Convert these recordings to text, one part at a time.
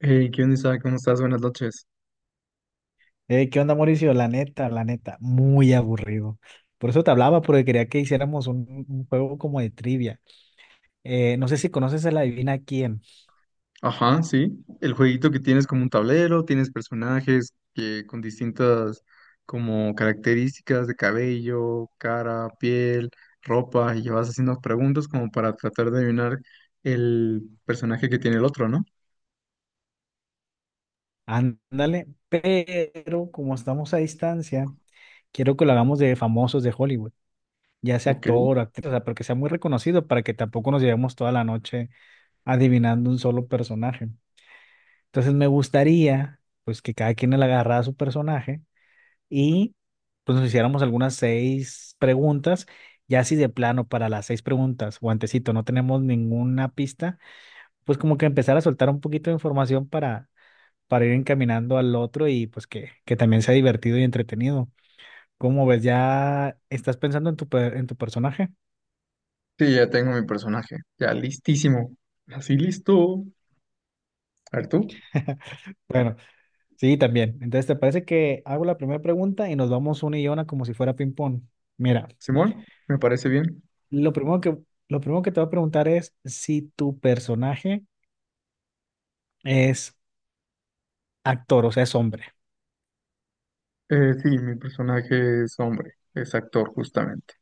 Hey, ¿qué onda, Isaac? ¿Cómo estás? Buenas noches. ¿Qué onda, Mauricio? La neta, muy aburrido. Por eso te hablaba, porque quería que hiciéramos un juego como de trivia. No sé si conoces a la Adivina quién. Ajá, sí. El jueguito que tienes como un tablero, tienes personajes que con distintas como características de cabello, cara, piel, ropa, y vas haciendo preguntas como para tratar de adivinar el personaje que tiene el otro, ¿no? Ándale, pero como estamos a distancia, quiero que lo hagamos de famosos de Hollywood, ya sea Ok. actor o actriz, o sea, pero que sea muy reconocido para que tampoco nos llevemos toda la noche adivinando un solo personaje. Entonces me gustaría, pues, que cada quien le agarrara su personaje y pues nos hiciéramos algunas seis preguntas. Ya si de plano para las seis preguntas, guantecito, no tenemos ninguna pista, pues como que empezar a soltar un poquito de información para ir encaminando al otro y pues que también sea divertido y entretenido. ¿Cómo ves? ¿Ya estás pensando en tu personaje? Sí, ya tengo mi personaje. Ya listísimo. Así listo. A ver tú. Bueno, sí, también. Entonces, ¿te parece que hago la primera pregunta y nos vamos una y una como si fuera ping-pong? Mira, Simón, me parece bien. lo primero que, lo primero que te voy a preguntar es si tu personaje es actor, o sea, es hombre. Sí, mi personaje es hombre, es actor justamente.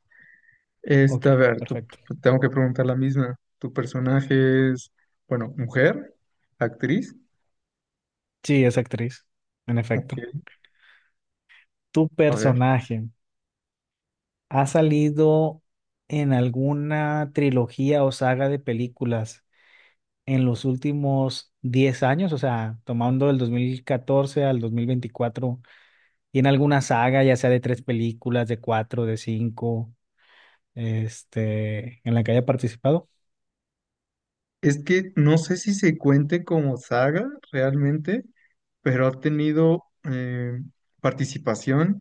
Ok, Esta, a ver, perfecto. pues, tengo que preguntar la misma. ¿Tu personaje es, bueno, mujer, actriz? Sí, es actriz, en Ok, efecto. ¿Tu a ver. personaje ha salido en alguna trilogía o saga de películas en los últimos 10 años? O sea, tomando del 2014 al 2024, ¿tiene alguna saga, ya sea de tres películas, de cuatro, de cinco, en la que haya participado? Es que no sé si se cuente como saga realmente, pero ha tenido participación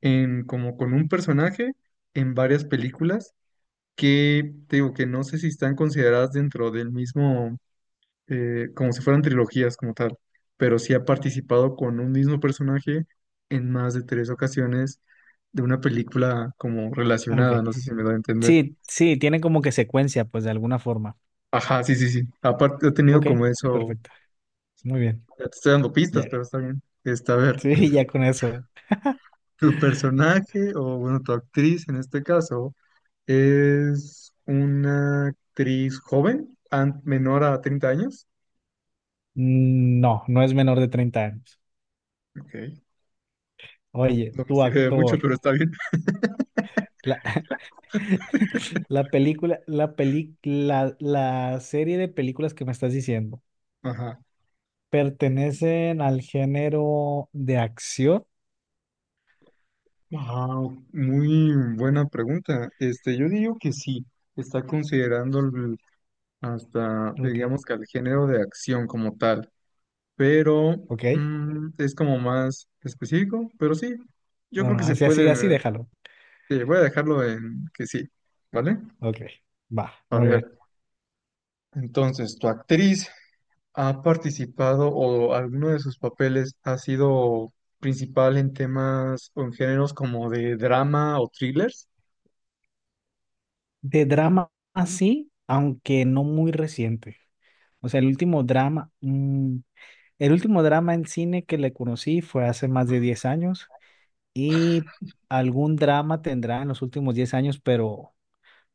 en como con un personaje en varias películas que te digo que no sé si están consideradas dentro del mismo como si fueran trilogías como tal, pero sí ha participado con un mismo personaje en más de tres ocasiones de una película como Ah, ok. relacionada, no sé si me doy a entender. Sí, sí, tiene como que secuencia, pues de alguna forma. Ajá, sí, sí, sí. Aparte, he tenido Ok, como eso, perfecto. Muy bien. ya te estoy dando pistas, Ya. pero está bien. Está, a ver, Sí, ya con eso. tu personaje o bueno, tu actriz en este caso es una actriz joven, menor a 30 años. No, no es menor de 30 años. Ok. Oye, No me tu sirve de mucho, actor. pero está bien. La, la película, la peli, la serie de películas que me estás diciendo, Ajá. ¿pertenecen al género de acción? Wow, muy buena pregunta. Este, yo digo que sí, está considerando hasta, Ok, digamos que al género de acción como tal, pero ok. Es como más específico, pero sí, yo No, creo que no, se así, así, así, puede, déjalo. sí, voy a dejarlo en que sí, ¿vale? Ok, va, A muy bien. ver, entonces, ¿tu actriz ha participado o alguno de sus papeles ha sido principal en temas o en géneros como de drama o thrillers? De drama, así, aunque no muy reciente. O sea, el último drama en cine que le conocí fue hace más de 10 años y algún drama tendrá en los últimos 10 años, pero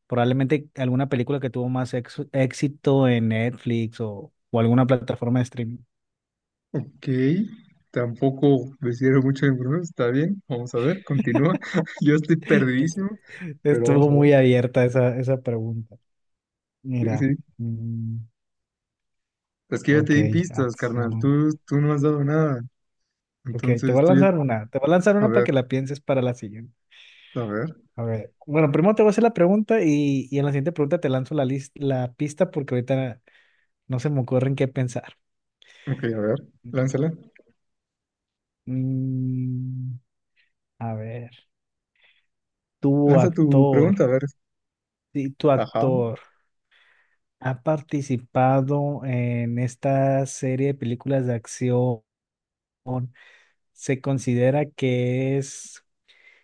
probablemente alguna película que tuvo más éxito en Netflix o alguna plataforma de streaming. Ok, tampoco me sirve mucho en brujo, está bien, vamos a ver, continúa. Yo estoy perdidísimo, pero vamos Estuvo a ver. muy abierta esa pregunta. Sí, Mira, sí. mm, Es que ya te ok, di pistas, carnal, acción. tú no has dado nada. Ok, te voy Entonces a tú ya... lanzar una, te voy a lanzar A una para ver, que la pienses para la siguiente. a ver, A ver, bueno, primero te voy a hacer la pregunta y en la siguiente pregunta te lanzo la pista porque ahorita no se me ocurre en qué pensar. ok, a ver, lánzala. Mm, a ver, tu Lanza tu actor, pregunta, a ver. sí, tu Ajá. actor ha participado en esta serie de películas de acción. ¿Se considera que es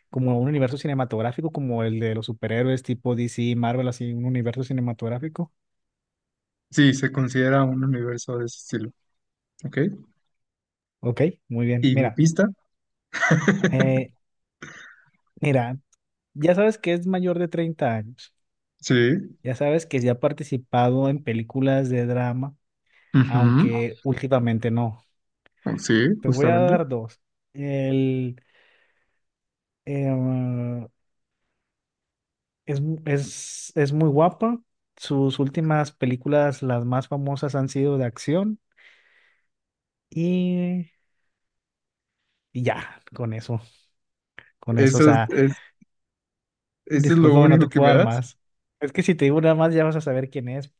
como un universo cinematográfico, como el de los superhéroes tipo DC, Marvel, así, un universo cinematográfico? Sí, se considera un universo de ese estilo, ok. Ok, muy bien. ¿Y mi pista? eh, mira, ya sabes que es mayor de 30 años. Sí. Ya sabes que se ha participado en películas de drama Ujú. aunque últimamente no. Sí, Te voy a justamente. dar dos. El, em, es, es muy guapa. Sus últimas películas, las más famosas, han sido de acción. Y, y ya, con eso. O Eso es, sea, es, eso es lo discúlpame, no te único que puedo me dar das. más. Es que si te digo nada más, ya vas a saber quién es.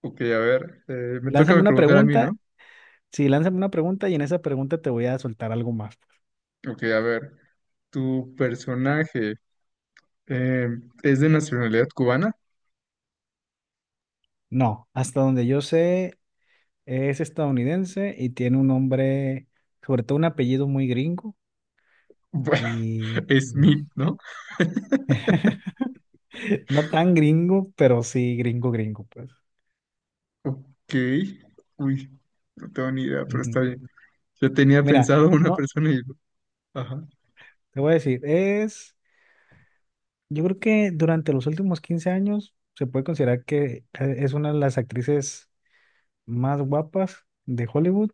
Ok, a ver, me Lánzame toca una preguntar a mí, pregunta. ¿no? Sí, lánzame una pregunta y en esa pregunta te voy a soltar algo más. Ok, a ver, ¿tu personaje eh, es de nacionalidad cubana? No, hasta donde yo sé, es estadounidense y tiene un nombre, sobre todo un apellido muy gringo Bueno, y es Smith, no, ¿no? no tan gringo, pero sí gringo, gringo, pues. Ok, uy, no tengo ni idea, pero está Ujú. bien. Yo tenía Mira, pensado una no, persona y... Ajá. te voy a decir, yo creo que durante los últimos 15 años se puede considerar que es una de las actrices más guapas de Hollywood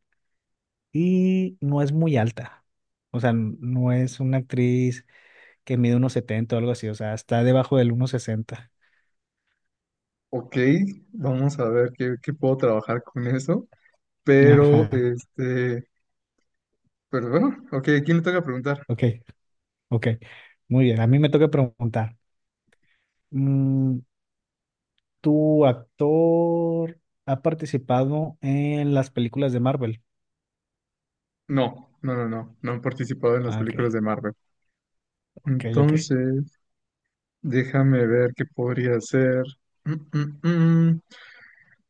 y no es muy alta. O sea, no es una actriz que mide unos 70 o algo así, o sea, está debajo del 1,60. Ok, vamos a ver qué, qué puedo trabajar con eso, pero, Ajá. este, pero bueno, ok, ¿quién le toca preguntar? Ok, ok. Muy bien, a mí me toca preguntar. Mm, ¿Tu actor ha participado en las películas de Marvel? No, no, no, no, no han participado en las Ah, ok, películas de Marvel. ok, ok. Entonces... Déjame ver qué podría ser. Mm, mm, mm.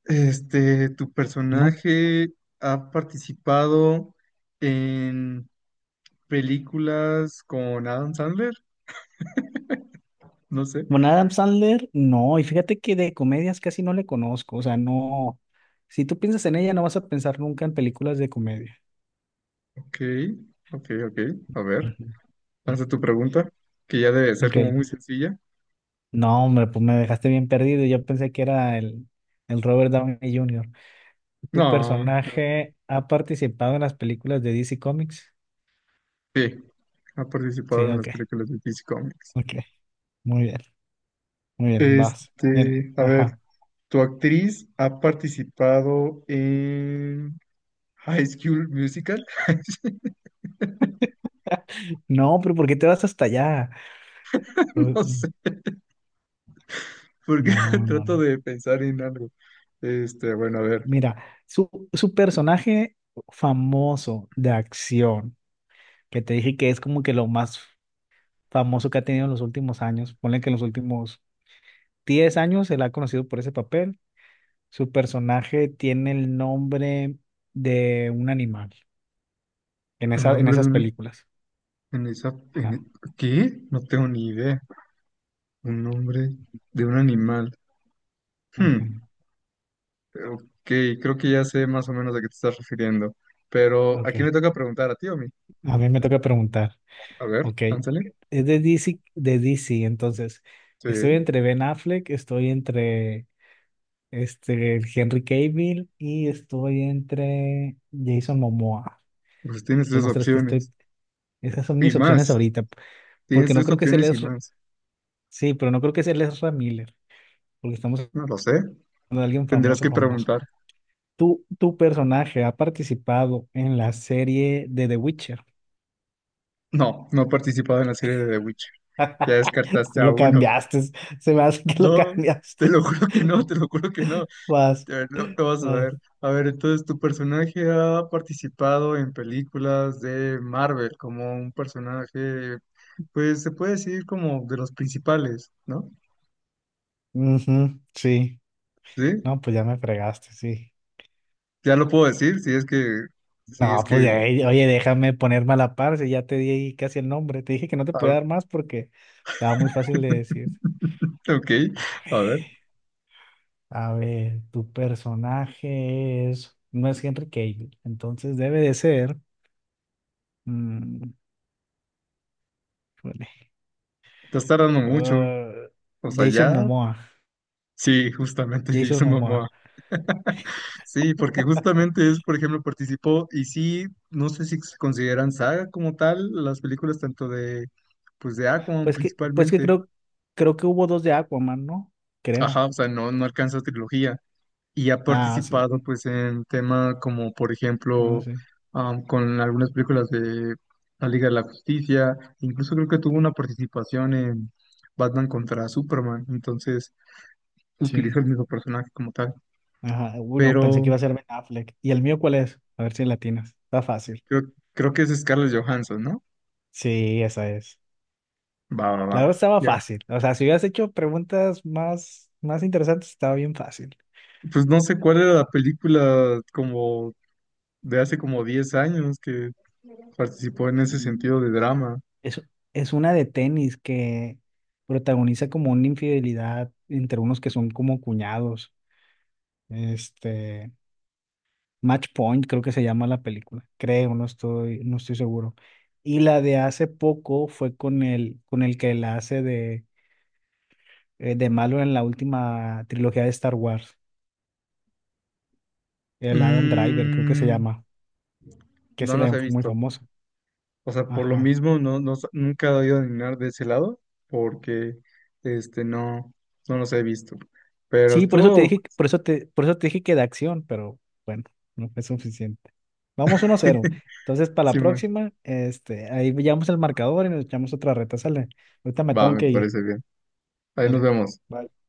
Este, ¿tu No. personaje ha participado en películas con Adam Sandler? No sé. Bueno, Adam Sandler, no. Y fíjate que de comedias casi no le conozco. O sea, no. Si tú piensas en ella, no vas a pensar nunca en películas de comedia. Ok, ok, ok. A ver, Ujú. lanza tu pregunta, que ya debe ser Ok. como muy sencilla. No, hombre, pues me dejaste bien perdido. Yo pensé que era el Robert Downey Jr. ¿Tu No, personaje ha participado en las películas de DC Comics? sí, ha participado Sí, en las ok, películas de DC Comics. ok. Muy bien, muy bien, vas. Mira, Este, a ver, ajá. ¿tu actriz ha participado en High School Musical? No, pero ¿por qué te vas hasta allá? Uh, No sé, porque No, no, trato no. de pensar en algo. Este, bueno, a ver, Mira, su personaje famoso de acción, que te dije que es como que lo más famoso que ha tenido en los últimos años, ponle que en los últimos 10 años se le ha conocido por ese papel. Su personaje tiene el nombre de un animal en el esa, en nombre de esas un, películas. en esa, en, Ajá, ¿qué? No tengo ni idea. Un nombre de un animal. ajá, Hmm, ok, creo que ya sé más o menos a qué te estás refiriendo. Pero, ¿a ok. quién le toca preguntar? ¿A ti o a mí? A mí me toca preguntar. A ver, Ok, ánsale. es de DC, entonces estoy Sí, entre Ben Affleck, estoy entre este Henry Cavill y estoy entre Jason Momoa. pues tienes Son tres los tres que estoy, opciones. esas son Y mis opciones más. ahorita, Tienes porque no tres creo que sea opciones y les, más. sí, pero no creo que sea les Miller, porque estamos No lo sé. hablando de alguien Tendrás famoso, que famoso. preguntar. ¿Tu personaje ha participado en la serie de The Witcher? No, no he participado en la serie de The Witcher. Ya descartaste a Lo uno. cambiaste, se me hace que lo No, te cambiaste. lo juro que no, te lo juro que no. Vas, Te- No, no vas a vas. ver. A ver, entonces, ¿tu personaje ha participado en películas de Marvel como un personaje, pues se puede decir como de los principales, ¿no? Ujú, sí, ¿Sí? no, pues ya me fregaste, sí. Ya lo puedo decir, si es que, si es No, pues que, ya, oye, déjame ponerme a la par, si ya te di ahí casi el nombre. Te dije que no te a podía dar más porque estaba muy fácil de decir. ok, A a ver, ver, a ver, tu personaje es, no es Henry Cavill, entonces debe de ser, mm, híjole, te estás tardando mucho. ah, O sea, Jason ya Momoa, Sí, justamente Jason Jason Momoa. Momoa. Sí, porque justamente es, por ejemplo, participó y sí, no sé si se consideran saga como tal las películas tanto de, pues de Aquaman Pues que principalmente. creo que hubo dos de Aquaman, ¿no? Ajá, Creo. o sea, no, no alcanza trilogía y ha Ah, sí, participado sí, pues en tema como, por no, ejemplo, sí, con algunas películas de La Liga de la Justicia, incluso creo que tuvo una participación en Batman contra Superman, entonces sí. utilizó el mismo personaje como tal. Ajá, uy, no, pensé que Pero iba a ser Ben Affleck. ¿Y el mío cuál es? A ver si la atinas. Está fácil. Creo, creo que es Scarlett Johansson, ¿no? Sí, esa es. Va, va, va. La verdad estaba Ya. fácil. O sea, si hubieras hecho preguntas más, más interesantes, estaba bien fácil. Pues no sé cuál era la película como de hace como 10 años que participó en ese Mm. sentido de drama. Es, es una de tenis que protagoniza como una infidelidad entre unos que son como cuñados. Este, Match Point, creo que se llama la película. Creo, no estoy seguro. Y la de hace poco fue con el que la hace de malo en la última trilogía de Star Wars, el Adam Driver, creo que se Mm, llama, que no ese las he también fue muy visto. famoso. O sea, por lo Ajá. mismo no, no, nunca he ido a adivinar de ese lado porque este no, no los he visto. Pero Sí, por eso te estuvo, dije, por eso te dije que de acción, pero bueno, no fue suficiente. Vamos 1-0. Entonces, para la Simón. próxima, ahí veíamos el marcador y nos echamos otra reta, sale. Ahorita me Va, tengo me que ir, parece bien. Ahí nos ¿vale? vemos. Bye.